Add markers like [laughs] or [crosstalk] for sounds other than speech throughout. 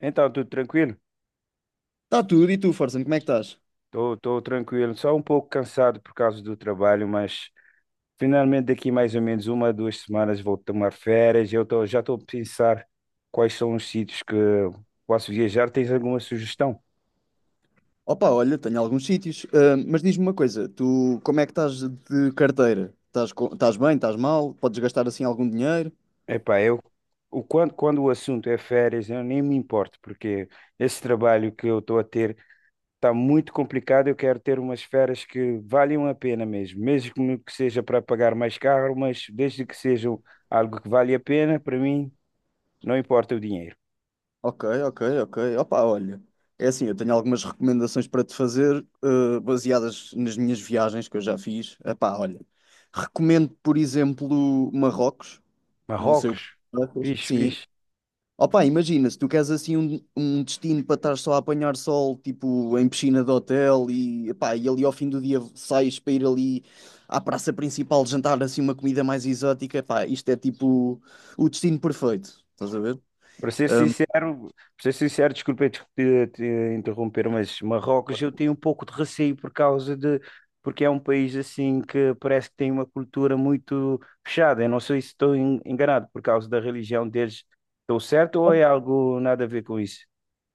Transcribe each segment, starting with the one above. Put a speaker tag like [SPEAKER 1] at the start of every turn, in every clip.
[SPEAKER 1] Então, tudo tranquilo?
[SPEAKER 2] Está tudo, e tu, Forson, como é que estás?
[SPEAKER 1] Estou tranquilo, só um pouco cansado por causa do trabalho, mas finalmente daqui mais ou menos uma, duas semanas vou tomar férias. Já estou a pensar quais são os sítios que posso viajar. Tens alguma sugestão?
[SPEAKER 2] Opa, olha, tenho alguns sítios, mas diz-me uma coisa, tu como é que estás de carteira? Estás, estás bem, estás mal? Podes gastar assim algum dinheiro?
[SPEAKER 1] Epá, eu quando o assunto é férias, eu nem me importo, porque esse trabalho que eu estou a ter está muito complicado. Eu quero ter umas férias que valham a pena mesmo, mesmo que seja para pagar mais caro, mas desde que sejam algo que vale a pena, para mim não importa o dinheiro.
[SPEAKER 2] Ok, ok, ok. Opa, olha, é assim, eu tenho algumas recomendações para te fazer, baseadas nas minhas viagens que eu já fiz. Epá, olha, recomendo, por exemplo, Marrocos, não sei o que
[SPEAKER 1] Marrocos,
[SPEAKER 2] tu achas.
[SPEAKER 1] fixe,
[SPEAKER 2] Sim,
[SPEAKER 1] fixe.
[SPEAKER 2] opa, imagina, se tu queres assim um destino para estar só a apanhar sol, tipo em piscina de hotel e, epá, e ali ao fim do dia sais para ir ali à praça principal jantar assim uma comida mais exótica, epá, isto é tipo o destino perfeito, estás a ver?
[SPEAKER 1] Para ser
[SPEAKER 2] Ahm,
[SPEAKER 1] sincero, para ser sincero, desculpa te interromper, mas Marrocos eu tenho um pouco de receio porque é um país assim que parece que tem uma cultura muito fechada. Eu não sei se estou enganado por causa da religião deles. Estou certo ou é
[SPEAKER 2] op-
[SPEAKER 1] algo nada a ver com isso?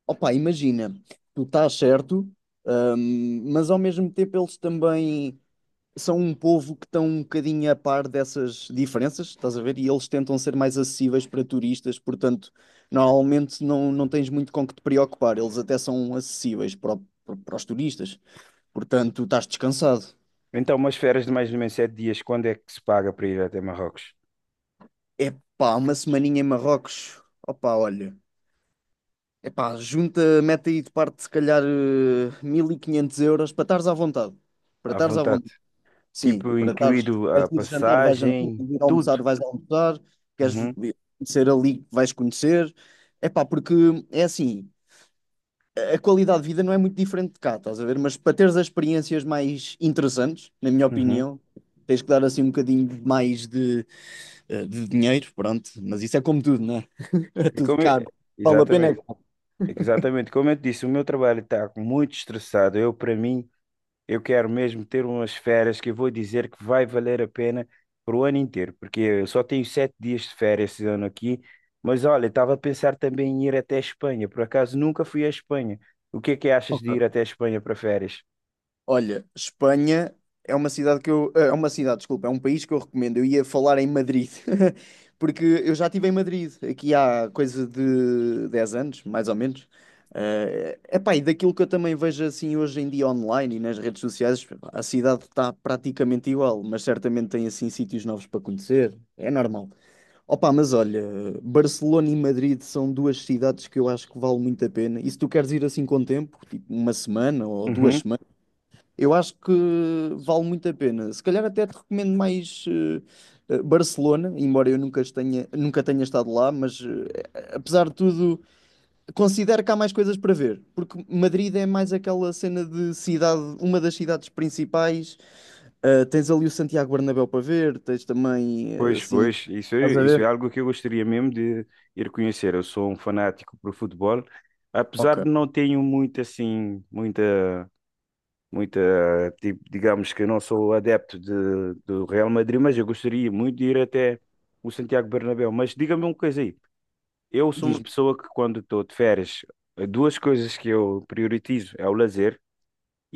[SPEAKER 2] opá, imagina, tu estás certo, mas ao mesmo tempo eles também são um povo que estão um bocadinho a par dessas diferenças, estás a ver? E eles tentam ser mais acessíveis para turistas, portanto, normalmente não tens muito com que te preocupar, eles até são acessíveis para, para, para os turistas, portanto, estás descansado.
[SPEAKER 1] Então, umas férias de mais ou menos 7 dias, quando é que se paga para ir até Marrocos?
[SPEAKER 2] Epá, uma semaninha em Marrocos, opá, olha, epá, junta, mete aí de parte se calhar 1500 euros para estares à vontade, para
[SPEAKER 1] À
[SPEAKER 2] estares à
[SPEAKER 1] vontade.
[SPEAKER 2] vontade. Sim,
[SPEAKER 1] Tipo,
[SPEAKER 2] para estares,
[SPEAKER 1] incluído a
[SPEAKER 2] queres ir jantar, vais jantar,
[SPEAKER 1] passagem,
[SPEAKER 2] queres ir
[SPEAKER 1] tudo.
[SPEAKER 2] almoçar, vais almoçar, queres
[SPEAKER 1] Uhum,
[SPEAKER 2] conhecer ali, vais conhecer. É pá, porque é assim, a qualidade de vida não é muito diferente de cá, estás a ver? Mas para teres as experiências mais interessantes, na minha
[SPEAKER 1] uhum.
[SPEAKER 2] opinião, tens que dar assim um bocadinho mais de, de dinheiro, pronto. Mas isso é como tudo, não é? [laughs] É
[SPEAKER 1] É
[SPEAKER 2] tudo
[SPEAKER 1] como eu-
[SPEAKER 2] caro. Vale a pena é
[SPEAKER 1] Exatamente,
[SPEAKER 2] caro.
[SPEAKER 1] é que exatamente. Como eu te disse, o meu trabalho está muito estressado. Eu, para mim, eu quero mesmo ter umas férias que eu vou dizer que vai valer a pena para o ano inteiro, porque eu só tenho 7 dias de férias esse ano aqui. Mas olha, estava a pensar também em ir até a Espanha. Por acaso nunca fui à Espanha. O que é que achas de ir até a Espanha para férias?
[SPEAKER 2] Olha, Espanha é uma cidade que eu, é uma cidade, desculpa, é um país que eu recomendo. Eu ia falar em Madrid, [laughs] porque eu já estive em Madrid aqui há coisa de 10 anos, mais ou menos. É epá, e daquilo que eu também vejo assim hoje em dia online e nas redes sociais, a cidade está praticamente igual, mas certamente tem assim sítios novos para conhecer. É normal. Opa, mas olha, Barcelona e Madrid são duas cidades que eu acho que vale muito a pena. E se tu queres ir assim com tempo, tipo uma semana ou duas
[SPEAKER 1] Uhum.
[SPEAKER 2] semanas, eu acho que vale muito a pena. Se calhar até te recomendo mais Barcelona, embora eu nunca tenha estado lá, mas apesar de tudo, considero que há mais coisas para ver, porque Madrid é mais aquela cena de cidade, uma das cidades principais. Tens ali o Santiago Bernabéu para ver, tens também
[SPEAKER 1] Pois,
[SPEAKER 2] assim,
[SPEAKER 1] pois,
[SPEAKER 2] estás a
[SPEAKER 1] isso é
[SPEAKER 2] ver?
[SPEAKER 1] algo que eu gostaria mesmo de ir conhecer. Eu sou um fanático por futebol,
[SPEAKER 2] Ok,
[SPEAKER 1] apesar de não tenho muito assim, muita, tipo, digamos que eu não sou adepto de, do Real Madrid, mas eu gostaria muito de ir até o Santiago Bernabéu. Mas diga-me uma coisa aí, eu sou uma
[SPEAKER 2] diz-me.
[SPEAKER 1] pessoa que quando estou de férias, duas coisas que eu prioritizo é o lazer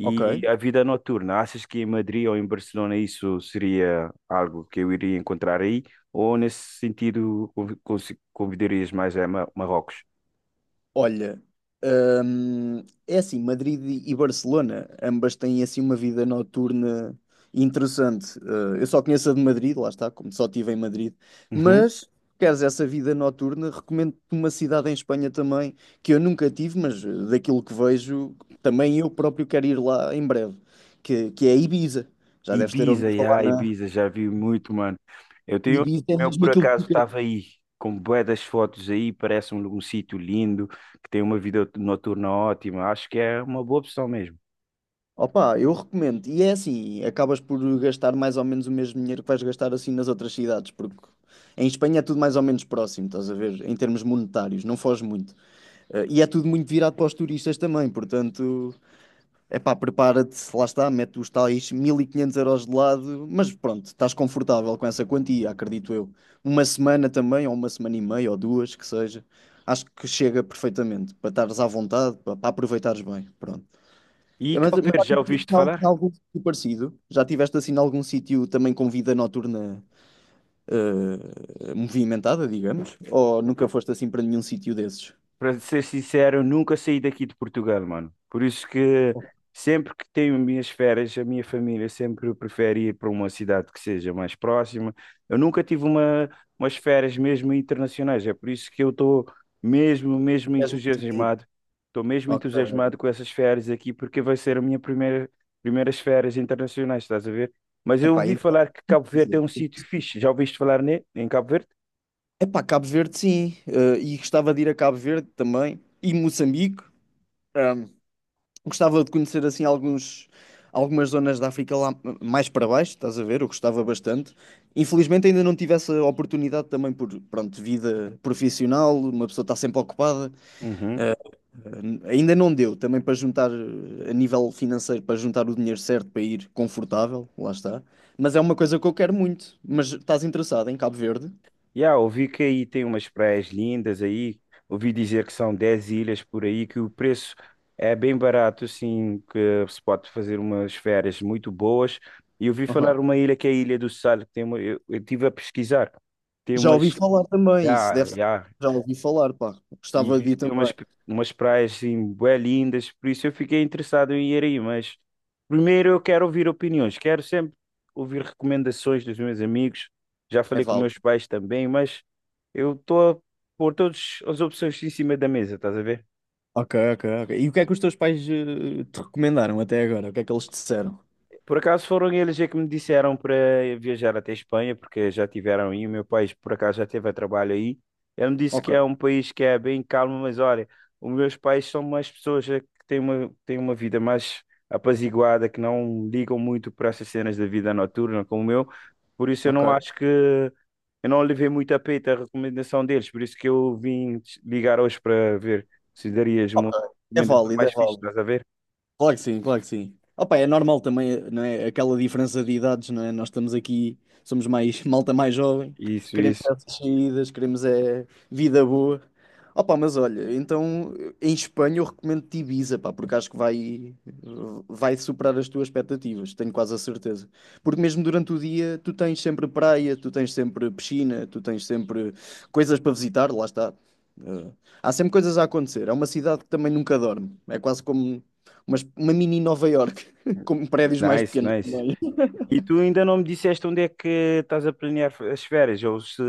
[SPEAKER 2] Ok.
[SPEAKER 1] a vida noturna. Achas que em Madrid ou em Barcelona isso seria algo que eu iria encontrar aí? Ou nesse sentido convidarias mais a Marrocos?
[SPEAKER 2] Olha, é assim, Madrid e Barcelona, ambas têm assim uma vida noturna interessante. Eu só conheço a de Madrid, lá está, como só estive em Madrid. Mas, se queres essa vida noturna, recomendo-te uma cidade em Espanha também, que eu nunca tive, mas daquilo que vejo, também eu próprio quero ir lá em breve, que é Ibiza. Já deves ter
[SPEAKER 1] Ibiza,
[SPEAKER 2] ouvido falar
[SPEAKER 1] yeah,
[SPEAKER 2] na
[SPEAKER 1] Ibiza, já vi muito, mano. Eu tenho,
[SPEAKER 2] Ibiza, é
[SPEAKER 1] eu
[SPEAKER 2] mesmo
[SPEAKER 1] por
[SPEAKER 2] aquilo que tu
[SPEAKER 1] acaso
[SPEAKER 2] queres.
[SPEAKER 1] estava aí, com bué das fotos aí, parece um sítio lindo, que tem uma vida noturna ótima, acho que é uma boa opção mesmo.
[SPEAKER 2] Opa, eu recomendo. E é assim, acabas por gastar mais ou menos o mesmo dinheiro que vais gastar assim nas outras cidades, porque em Espanha é tudo mais ou menos próximo, estás a ver? Em termos monetários, não foge muito. E é tudo muito virado para os turistas também, portanto, é pá, prepara-te, lá está, mete os tais 1500 euros de lado, mas pronto, estás confortável com essa quantia, acredito eu. Uma semana também, ou uma semana e meia, ou duas, que seja. Acho que chega perfeitamente, para estares à vontade, para aproveitares bem, pronto.
[SPEAKER 1] E
[SPEAKER 2] É,
[SPEAKER 1] Cabo
[SPEAKER 2] mas
[SPEAKER 1] Verde,
[SPEAKER 2] já
[SPEAKER 1] já
[SPEAKER 2] tiveste assim
[SPEAKER 1] ouviste
[SPEAKER 2] em
[SPEAKER 1] falar?
[SPEAKER 2] algum sítio parecido? Já tiveste assim em algum sítio também com vida noturna movimentada, digamos? Ou nunca foste assim para nenhum sítio desses?
[SPEAKER 1] Para ser sincero, eu nunca saí daqui de Portugal, mano. Por isso que
[SPEAKER 2] Ok.
[SPEAKER 1] sempre que tenho minhas férias, a minha família sempre prefere ir para uma cidade que seja mais próxima. Eu nunca tive uma, umas férias mesmo internacionais, é por isso que eu estou mesmo, mesmo
[SPEAKER 2] És muito tímido.
[SPEAKER 1] entusiasmado. Estou mesmo
[SPEAKER 2] Ok.
[SPEAKER 1] entusiasmado com essas férias aqui, porque vai ser a primeiras férias internacionais, estás a ver? Mas eu
[SPEAKER 2] Epá,
[SPEAKER 1] ouvi
[SPEAKER 2] então,
[SPEAKER 1] falar que
[SPEAKER 2] quer
[SPEAKER 1] Cabo Verde é
[SPEAKER 2] dizer,
[SPEAKER 1] um sítio fixe. Já ouviste falar em Cabo Verde?
[SPEAKER 2] epá, Cabo Verde sim. Eh, e gostava de ir a Cabo Verde também. E Moçambique. ehm, Gostava de conhecer assim alguns, algumas zonas da África lá mais para baixo, estás a ver? Eu gostava bastante. Infelizmente ainda não tive essa oportunidade também por, pronto, vida profissional, uma pessoa está sempre ocupada.
[SPEAKER 1] Uhum.
[SPEAKER 2] Eh, Ainda não deu também para juntar, a nível financeiro, para juntar o dinheiro certo para ir confortável, lá está. Mas é uma coisa que eu quero muito. Mas estás interessado em Cabo Verde?
[SPEAKER 1] Yeah, ouvi que aí tem umas praias lindas aí. Ouvi dizer que são 10 ilhas por aí, que o preço é bem barato, assim, que se pode fazer umas férias muito boas. E ouvi falar
[SPEAKER 2] Aham.
[SPEAKER 1] uma ilha que é a Ilha do Sal, que tem uma, eu estive a pesquisar. Tem
[SPEAKER 2] Já ouvi
[SPEAKER 1] umas.
[SPEAKER 2] falar também, isso
[SPEAKER 1] Yeah,
[SPEAKER 2] deve ser.
[SPEAKER 1] yeah,
[SPEAKER 2] Já ouvi falar, pá.
[SPEAKER 1] e
[SPEAKER 2] Gostava
[SPEAKER 1] vi
[SPEAKER 2] de ir
[SPEAKER 1] que tem
[SPEAKER 2] também.
[SPEAKER 1] umas praias assim, bué lindas, por isso eu fiquei interessado em ir aí, mas primeiro eu quero ouvir opiniões, quero sempre ouvir recomendações dos meus amigos, já
[SPEAKER 2] É
[SPEAKER 1] falei com
[SPEAKER 2] válido.
[SPEAKER 1] meus pais também, mas eu estou a pôr todas as opções em cima da mesa, estás a ver?
[SPEAKER 2] Ok, ok, ok. E o que é que os teus pais te recomendaram até agora? O que é que eles te disseram?
[SPEAKER 1] Por acaso foram eles é que me disseram para viajar até Espanha, porque já tiveram aí, o meu país por acaso já teve a trabalho aí. Ele me disse
[SPEAKER 2] Ok,
[SPEAKER 1] que é um país que é bem calmo, mas olha, os meus pais são mais pessoas é, que têm uma vida mais apaziguada, que não ligam muito para essas cenas da vida noturna como o meu. Por isso eu não
[SPEAKER 2] ok.
[SPEAKER 1] acho que, eu não levei muito a peito a recomendação deles, por isso que eu vim te ligar hoje para ver se darias
[SPEAKER 2] Ok.
[SPEAKER 1] uma
[SPEAKER 2] É
[SPEAKER 1] recomendação
[SPEAKER 2] válido, é
[SPEAKER 1] mais fixe,
[SPEAKER 2] válido.
[SPEAKER 1] estás a ver?
[SPEAKER 2] Claro que sim, claro que sim. Opa, é normal também, não é? Aquela diferença de idades, não é? Nós estamos aqui, somos mais [laughs] malta mais jovem,
[SPEAKER 1] Isso,
[SPEAKER 2] queremos
[SPEAKER 1] isso.
[SPEAKER 2] essas saídas, queremos é vida boa. Opa, mas olha, então em Espanha eu recomendo-te Ibiza, pá, porque vai superar as tuas expectativas, tenho quase a certeza. Porque mesmo durante o dia tu tens sempre praia, tu tens sempre piscina, tu tens sempre coisas para visitar, lá está. Eh, Há sempre coisas a acontecer. É uma cidade que também nunca dorme. É quase como mas uma mini Nova York, [laughs] com prédios mais
[SPEAKER 1] Nice,
[SPEAKER 2] pequenos
[SPEAKER 1] nice.
[SPEAKER 2] também.
[SPEAKER 1] E tu ainda não me disseste onde é que estás a planear as férias, ou se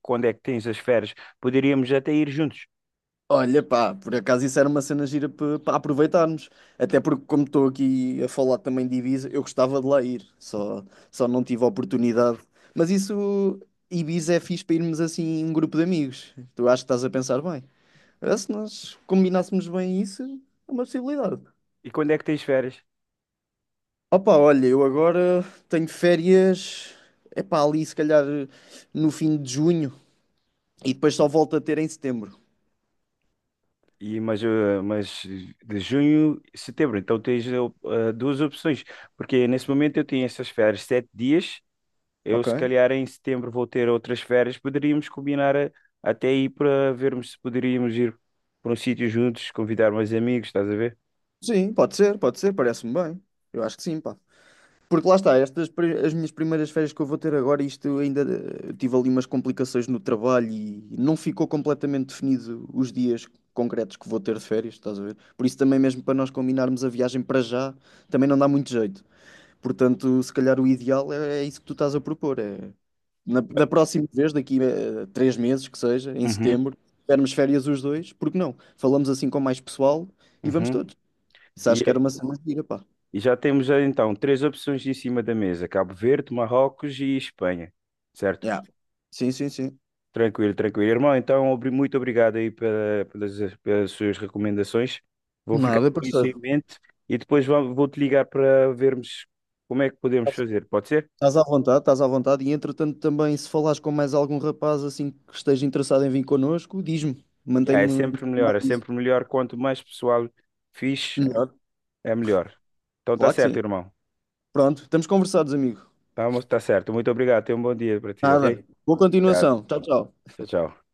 [SPEAKER 1] quando é que tens as férias. Poderíamos até ir juntos.
[SPEAKER 2] Olha, pá, por acaso isso era uma cena gira para aproveitarmos. Até porque, como estou aqui a falar também de Ibiza, eu gostava de lá ir, só não tive a oportunidade. Mas isso, Ibiza é fixe para irmos assim, um grupo de amigos. Tu acho que estás a pensar bem. Se nós combinássemos bem isso, é uma possibilidade.
[SPEAKER 1] E quando é que tens férias?
[SPEAKER 2] Opa, olha, eu agora tenho férias, é pá, ali se calhar no fim de junho e depois só volto a ter em setembro.
[SPEAKER 1] Mas de junho, setembro, então tens duas opções, porque nesse momento eu tenho essas férias 7 dias, eu
[SPEAKER 2] Ok.
[SPEAKER 1] se calhar em setembro vou ter outras férias, poderíamos combinar até aí para vermos se poderíamos ir para um sítio juntos, convidar mais amigos, estás a ver?
[SPEAKER 2] Sim, pode ser, parece-me bem. Eu acho que sim, pá. Porque lá está, as minhas primeiras férias que eu vou ter agora, isto ainda tive ali umas complicações no trabalho e não ficou completamente definido os dias concretos que vou ter de férias, estás a ver? Por isso também mesmo para nós combinarmos a viagem para já, também não dá muito jeito. Portanto, se calhar o ideal é, é isso que tu estás a propor, é da próxima vez, daqui a 3 meses que seja, em
[SPEAKER 1] Uhum,
[SPEAKER 2] setembro, tivermos férias os dois, porque não? Falamos assim com mais pessoal e vamos
[SPEAKER 1] uhum.
[SPEAKER 2] todos. Isso acho que era
[SPEAKER 1] E
[SPEAKER 2] uma cena gira, pá.
[SPEAKER 1] E já temos então três opções em cima da mesa: Cabo Verde, Marrocos e Espanha, certo?
[SPEAKER 2] Yeah. Sim, sim, sim.
[SPEAKER 1] Tranquilo, tranquilo. Irmão, então muito obrigado aí pelas, pelas suas recomendações. Vou ficar
[SPEAKER 2] Nada,
[SPEAKER 1] com isso em
[SPEAKER 2] parceiro.
[SPEAKER 1] mente e depois vou-te ligar para vermos como é que podemos
[SPEAKER 2] Estás
[SPEAKER 1] fazer. Pode ser?
[SPEAKER 2] estás à vontade, estás à vontade. E entretanto, também, se falares com mais algum rapaz assim que esteja interessado em vir connosco, diz-me.
[SPEAKER 1] Ya, é
[SPEAKER 2] Mantém-me
[SPEAKER 1] sempre melhor,
[SPEAKER 2] informado
[SPEAKER 1] é
[SPEAKER 2] disso.
[SPEAKER 1] sempre melhor. Quanto mais pessoal fixe,
[SPEAKER 2] Melhor.
[SPEAKER 1] é melhor. Então tá
[SPEAKER 2] Claro que sim.
[SPEAKER 1] certo, irmão.
[SPEAKER 2] Pronto, estamos conversados, amigo.
[SPEAKER 1] Tá, tá certo. Muito obrigado. Tenha um bom dia para ti, ok?
[SPEAKER 2] Nada. Boa
[SPEAKER 1] Obrigado.
[SPEAKER 2] continuação. Tchau, tchau.
[SPEAKER 1] Tchau, tchau.